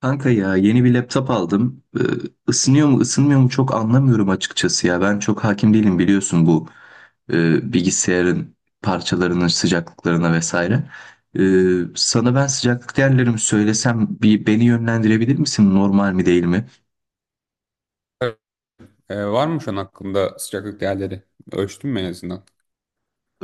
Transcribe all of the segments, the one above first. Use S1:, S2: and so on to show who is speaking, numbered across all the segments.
S1: Kanka ya yeni bir laptop aldım. Isınıyor mu ısınmıyor mu çok anlamıyorum açıkçası ya. Ben çok hakim değilim biliyorsun bu bilgisayarın parçalarının sıcaklıklarına vesaire. Sana ben sıcaklık değerlerimi söylesem bir beni yönlendirebilir misin? Normal mi değil mi?
S2: Ee, var mı şu an hakkında sıcaklık değerleri? Ölçtün mü en azından?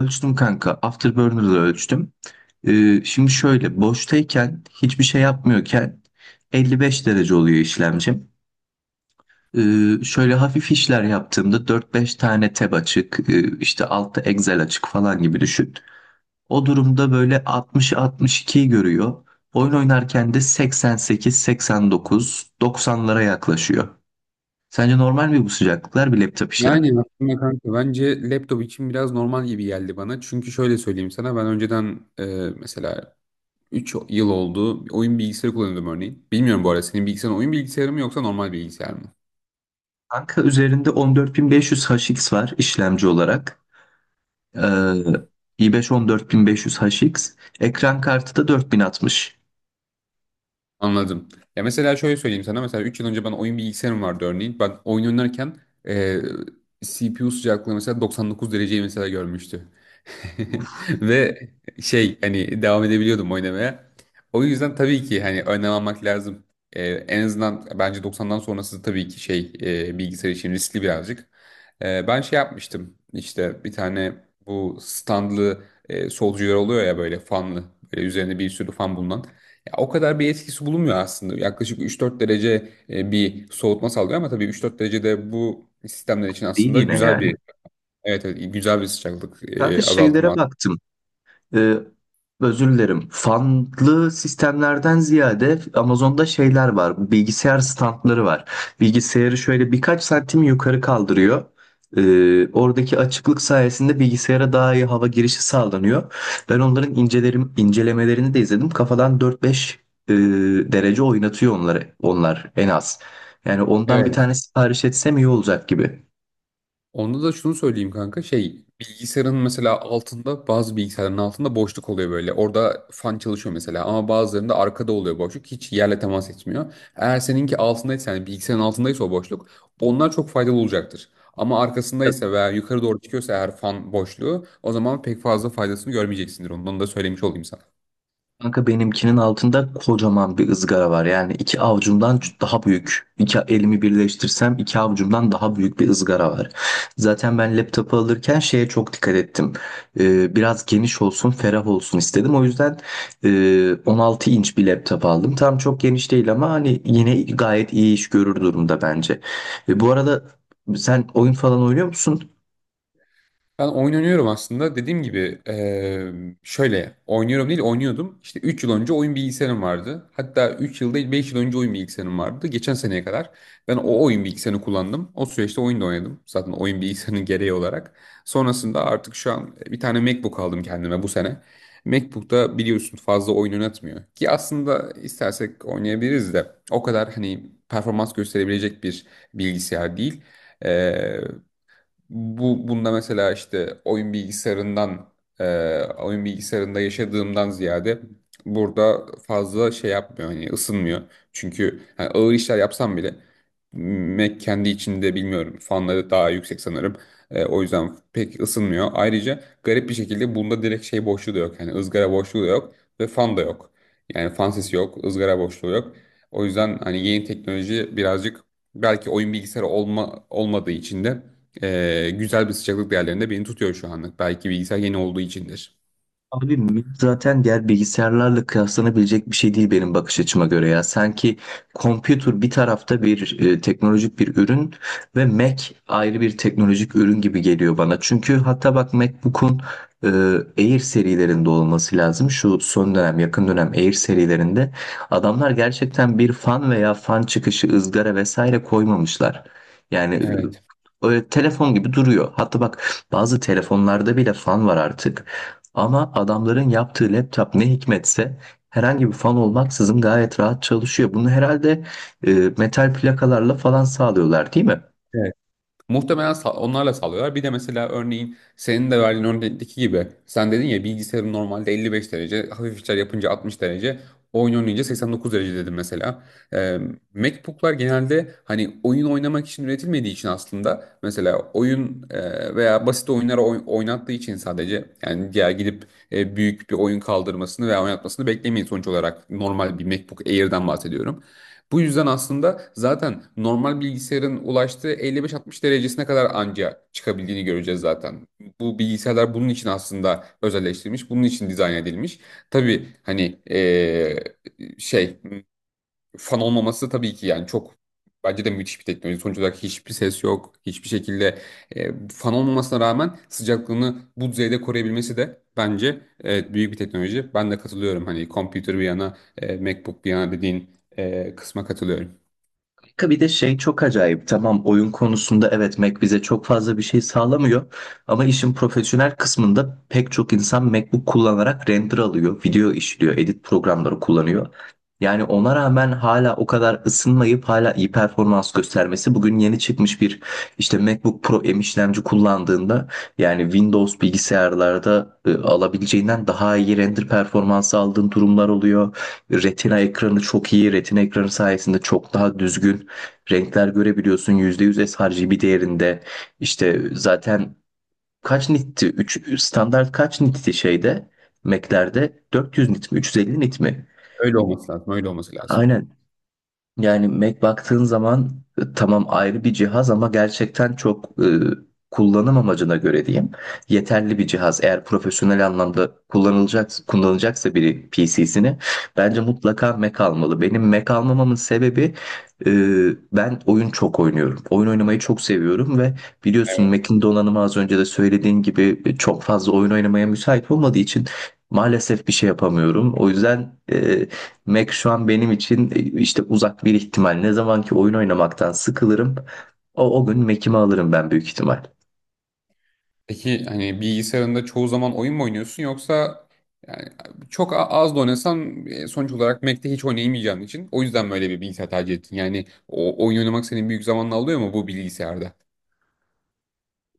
S1: Ölçtüm kanka. Afterburner'da ölçtüm. Şimdi şöyle boştayken hiçbir şey yapmıyorken 55 derece oluyor işlemcim. Şöyle hafif işler yaptığımda 4-5 tane tab açık, işte altta Excel açık falan gibi düşün. O durumda böyle 60-62'yi görüyor. Oyun oynarken de 88-89, 90'lara yaklaşıyor. Sence normal mi bu sıcaklıklar bir laptop işlemci?
S2: Yani aslında kanka bence laptop için biraz normal gibi geldi bana. Çünkü şöyle söyleyeyim sana ben önceden mesela 3 yıl oldu oyun bilgisayarı kullanıyordum örneğin. Bilmiyorum bu arada senin bilgisayarın oyun bilgisayarı mı yoksa normal bilgisayar mı?
S1: Kanka üzerinde 14500 HX var işlemci olarak. Ee,
S2: Hı.
S1: i5 14500 HX. Ekran kartı da 4060.
S2: Anladım. Ya mesela şöyle söyleyeyim sana mesela 3 yıl önce ben oyun bilgisayarım vardı örneğin. Ben oyun oynarken e, CPU sıcaklığı mesela 99 dereceyi mesela görmüştü. Ve hani devam edebiliyordum oynamaya. O yüzden tabii ki hani önlem almak lazım. En azından bence 90'dan sonrası tabii ki bilgisayar için riskli birazcık. Ben şey yapmıştım işte bir tane bu standlı solcular oluyor ya, böyle fanlı, böyle üzerinde bir sürü fan bulunan. Ya, o kadar bir etkisi bulunmuyor aslında. Yaklaşık 3-4 derece bir soğutma sağlıyor ama tabii 3-4 derecede bu sistemler için
S1: Değil
S2: aslında
S1: yine
S2: güzel
S1: yani.
S2: bir, evet, evet, güzel bir sıcaklık
S1: Kanka şeylere
S2: azaltımı.
S1: baktım. e, Özür dilerim. Fanlı sistemlerden ziyade Amazon'da şeyler var. Bilgisayar standları var. Bilgisayarı şöyle birkaç santim yukarı kaldırıyor. Oradaki açıklık sayesinde bilgisayara daha iyi hava girişi sağlanıyor. Ben onların incelerim, incelemelerini de izledim. Kafadan 4-5 e, derece oynatıyor onları, onlar en az. Yani ondan bir
S2: Evet.
S1: tane sipariş etsem iyi olacak gibi.
S2: Onda da şunu söyleyeyim kanka. Şey, bilgisayarın mesela altında, bazı bilgisayarların altında boşluk oluyor böyle. Orada fan çalışıyor mesela, ama bazılarında arkada oluyor boşluk. Hiç yerle temas etmiyor. Eğer seninki altındaysa, yani bilgisayarın altındaysa o boşluk, onlar çok faydalı olacaktır. Ama arkasındaysa veya yukarı doğru çıkıyorsa eğer fan boşluğu, o zaman pek fazla faydasını görmeyeceksindir. Ondan da söylemiş olayım sana.
S1: Kanka benimkinin altında kocaman bir ızgara var. Yani iki avucumdan daha büyük. İki elimi birleştirsem iki avucumdan daha büyük bir ızgara var. Zaten ben laptopu alırken şeye çok dikkat ettim. Biraz geniş olsun, ferah olsun istedim. O yüzden 16 inç bir laptop aldım. Tam çok geniş değil ama hani yine gayet iyi iş görür durumda bence. Bu arada sen oyun falan oynuyor musun?
S2: Ben oynanıyorum aslında. Dediğim gibi şöyle oynuyorum değil, oynuyordum. İşte 3 yıl önce oyun bilgisayarım vardı. Hatta 3 yıl değil, 5 yıl önce oyun bilgisayarım vardı. Geçen seneye kadar ben o oyun bilgisayarını kullandım. O süreçte oyun da oynadım. Zaten oyun bilgisayarının gereği olarak. Sonrasında artık şu an bir tane MacBook aldım kendime bu sene. MacBook'ta biliyorsun fazla oyun oynatmıyor. Ki aslında istersek oynayabiliriz de, o kadar hani performans gösterebilecek bir bilgisayar değil. Bu bunda, mesela, işte oyun bilgisayarından e, oyun bilgisayarında yaşadığımdan ziyade burada fazla şey yapmıyor, hani ısınmıyor. Çünkü hani ağır işler yapsam bile Mac kendi içinde, bilmiyorum, fanları daha yüksek sanırım. O yüzden pek ısınmıyor. Ayrıca garip bir şekilde bunda direkt şey boşluğu da yok. Yani ızgara boşluğu da yok ve fan da yok. Yani fan sesi yok, ızgara boşluğu yok. O yüzden hani yeni teknoloji birazcık, belki oyun bilgisayarı olma, olmadığı için de güzel bir sıcaklık değerlerinde beni tutuyor şu anlık. Belki bilgisayar yeni olduğu içindir.
S1: Abi Mint zaten diğer bilgisayarlarla kıyaslanabilecek bir şey değil benim bakış açıma göre ya. Sanki computer bir tarafta bir teknolojik bir ürün ve Mac ayrı bir teknolojik ürün gibi geliyor bana. Çünkü hatta bak MacBook'un e, Air serilerinde olması lazım. Şu son dönem yakın dönem Air serilerinde adamlar gerçekten bir fan veya fan çıkışı ızgara vesaire koymamışlar. Yani
S2: Evet.
S1: öyle telefon gibi duruyor. Hatta bak bazı telefonlarda bile fan var artık. Ama adamların yaptığı laptop ne hikmetse herhangi bir fan olmaksızın gayet rahat çalışıyor. Bunu herhalde metal plakalarla falan sağlıyorlar, değil mi?
S2: Muhtemelen onlarla sağlıyorlar. Bir de mesela, örneğin senin de verdiğin örnekteki gibi, sen dedin ya bilgisayarın normalde 55 derece, hafif işler yapınca 60 derece, oyun oynayınca 89 derece dedim mesela. Ee, MacBook'lar genelde hani oyun oynamak için üretilmediği için aslında mesela oyun veya basit oyunları oynattığı için sadece, yani diğer gidip büyük bir oyun kaldırmasını veya oynatmasını beklemeyin. Sonuç olarak normal bir MacBook Air'den bahsediyorum. Bu yüzden aslında zaten normal bilgisayarın ulaştığı 55-60 derecesine kadar anca çıkabildiğini göreceğiz zaten. Bu bilgisayarlar bunun için aslında özelleştirilmiş, bunun için dizayn edilmiş. Tabii hani şey fan olmaması tabii ki, yani çok, bence de müthiş bir teknoloji. Sonuç olarak hiçbir ses yok. Hiçbir şekilde fan olmamasına rağmen sıcaklığını bu düzeyde koruyabilmesi de bence, evet, büyük bir teknoloji. Ben de katılıyorum. Hani computer bir yana, MacBook bir yana dediğin kısma katılıyorum.
S1: Bir de şey çok acayip. Tamam oyun konusunda evet Mac bize çok fazla bir şey sağlamıyor. Ama işin profesyonel kısmında pek çok insan MacBook kullanarak render alıyor, video işliyor, edit programları kullanıyor. Yani ona rağmen hala o kadar ısınmayıp hala iyi performans göstermesi bugün yeni çıkmış bir işte MacBook Pro M işlemci kullandığında yani Windows bilgisayarlarda alabileceğinden daha iyi render performansı aldığın durumlar oluyor. Retina ekranı çok iyi. Retina ekranı sayesinde çok daha düzgün renkler görebiliyorsun. %100 sRGB değerinde. İşte zaten kaç nitti? Üç standart kaç nitti şeyde? Mac'lerde 400 nit mi? 350 nit mi?
S2: Öyle olması lazım. Öyle olması lazım.
S1: Aynen. Yani Mac baktığın zaman tamam ayrı bir cihaz ama gerçekten çok kullanım amacına göre diyeyim yeterli bir cihaz. Eğer profesyonel anlamda kullanılacak kullanacaksa biri PC'sini bence mutlaka Mac almalı. Benim Mac almamamın sebebi e, ben oyun çok oynuyorum. Oyun oynamayı çok seviyorum ve biliyorsun Mac'in donanımı az önce de söylediğin gibi çok fazla oyun oynamaya müsait olmadığı için maalesef bir şey yapamıyorum. O yüzden Mac şu an benim için işte uzak bir ihtimal. Ne zaman ki oyun oynamaktan sıkılırım, o gün Mac'imi alırım ben büyük ihtimal.
S2: Peki hani bilgisayarında çoğu zaman oyun mu oynuyorsun, yoksa yani çok az da oynasan sonuç olarak Mac'te hiç oynayamayacağın için o yüzden böyle bir bilgisayar tercih ettin. Yani o oyun oynamak senin büyük zamanını alıyor mu bu bilgisayarda?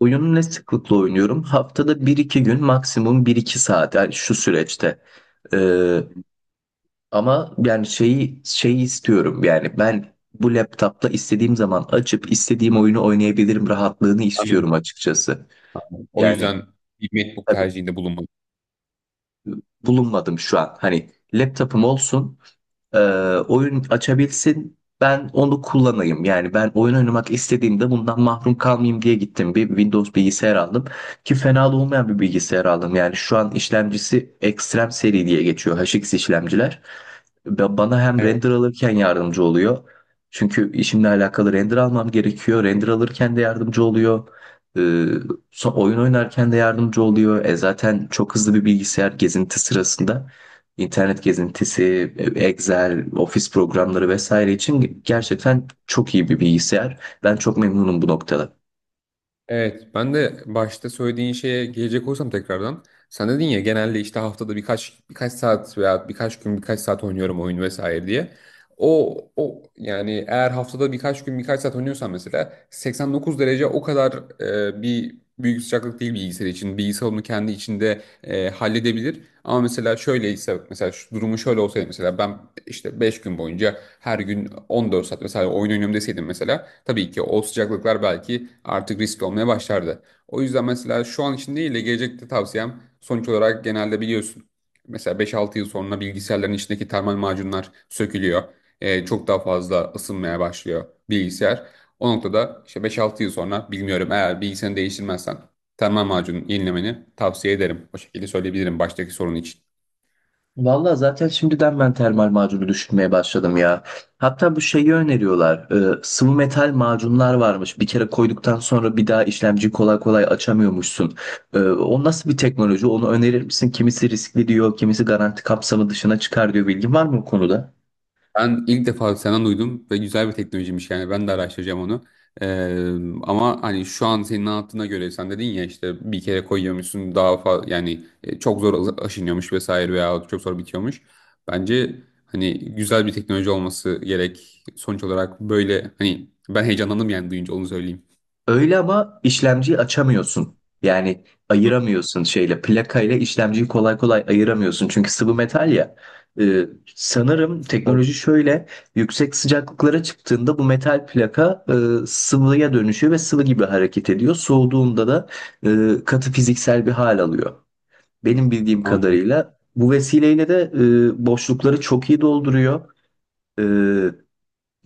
S1: Oyunu ne sıklıkla oynuyorum? Haftada bir iki gün maksimum bir iki saat yani şu süreçte. Ee, Ama yani şeyi istiyorum yani ben bu laptopla istediğim zaman açıp istediğim oyunu oynayabilirim rahatlığını
S2: Anladım.
S1: istiyorum açıkçası.
S2: O
S1: Yani
S2: yüzden bir MacBook
S1: tabii
S2: tercihinde bulunmadın.
S1: bulunmadım şu an. Hani laptopum olsun e, oyun açabilsin. Ben onu kullanayım. Yani ben oyun oynamak istediğimde bundan mahrum kalmayayım diye gittim. Bir Windows bilgisayar aldım ki fena da olmayan bir bilgisayar aldım. Yani şu an işlemcisi Extreme seri diye geçiyor HX işlemciler. Bana hem render alırken yardımcı oluyor. Çünkü işimle alakalı render almam gerekiyor. Render alırken de yardımcı oluyor. Ee, Oyun oynarken de yardımcı oluyor. Zaten çok hızlı bir bilgisayar gezinti sırasında internet gezintisi, Excel, ofis programları vesaire için gerçekten çok iyi bir bilgisayar. Ben çok memnunum bu noktada.
S2: Evet, ben de başta söylediğin şeye gelecek olursam tekrardan. Sen dedin ya genelde işte haftada birkaç saat veya birkaç gün birkaç saat oynuyorum oyun vesaire diye. O yani eğer haftada birkaç gün birkaç saat oynuyorsan mesela 89 derece o kadar bir büyük sıcaklık değil bilgisayar için. Bilgisayar onu kendi içinde halledebilir. Ama mesela şöyleyse, mesela şu durumu şöyle olsaydı, mesela ben işte 5 gün boyunca her gün 14 saat mesela oyun oynuyorum deseydim, mesela tabii ki o sıcaklıklar belki artık riskli olmaya başlardı. O yüzden mesela şu an için değil de gelecekte tavsiyem, sonuç olarak genelde biliyorsun, mesela 5-6 yıl sonra bilgisayarların içindeki termal macunlar sökülüyor. Çok daha fazla ısınmaya başlıyor bilgisayar. O noktada işte 5-6 yıl sonra, bilmiyorum, eğer bilgisayarını değiştirmezsen termal macunun yenilemeni tavsiye ederim. O şekilde söyleyebilirim baştaki sorun için.
S1: Vallahi zaten şimdiden ben termal macunu düşünmeye başladım ya. Hatta bu şeyi öneriyorlar. Sıvı metal macunlar varmış. Bir kere koyduktan sonra bir daha işlemci kolay kolay açamıyormuşsun. E, o nasıl bir teknoloji? Onu önerir misin? Kimisi riskli diyor, kimisi garanti kapsamı dışına çıkar diyor. Bilgin var mı bu konuda?
S2: Ben ilk defa senden duydum ve güzel bir teknolojiymiş, yani ben de araştıracağım onu. Ee, ama hani şu an senin anlattığına göre sen dedin ya işte bir kere koyuyormuşsun, daha fazla yani çok zor aşınıyormuş vesaire veya çok zor bitiyormuş. Bence hani güzel bir teknoloji olması gerek. Sonuç olarak böyle hani ben heyecanlandım yani duyunca, onu söyleyeyim.
S1: Öyle ama işlemciyi açamıyorsun. Yani ayıramıyorsun şeyle. Plakayla işlemciyi kolay kolay ayıramıyorsun. Çünkü sıvı metal ya. Ee, Sanırım teknoloji şöyle. Yüksek sıcaklıklara çıktığında bu metal plaka sıvıya dönüşüyor ve sıvı gibi hareket ediyor. Soğuduğunda da katı fiziksel bir hal alıyor. Benim bildiğim
S2: Anladım.
S1: kadarıyla bu vesileyle de boşlukları çok iyi dolduruyor. E,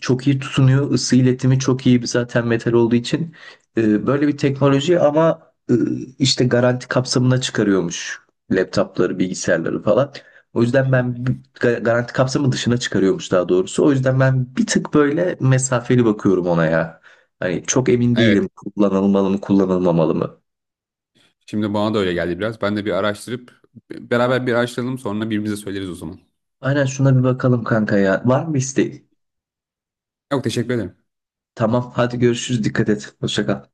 S1: Çok iyi tutunuyor. Isı iletimi çok iyi bir zaten metal olduğu için. Böyle bir teknoloji ama işte garanti kapsamına çıkarıyormuş laptopları, bilgisayarları falan. O yüzden ben garanti kapsamı dışına çıkarıyormuş daha doğrusu. O yüzden ben bir tık böyle mesafeli bakıyorum ona ya. Hani çok emin
S2: Evet.
S1: değilim kullanılmalı mı, kullanılmamalı mı?
S2: Şimdi bana da öyle geldi biraz. Ben de bir araştırıp, beraber bir araştıralım, sonra birbirimize söyleriz o zaman.
S1: Aynen şuna bir bakalım kanka ya. Var mı isteğin?
S2: Yok, teşekkür ederim.
S1: Tamam hadi görüşürüz. Dikkat et. Hoşça kal.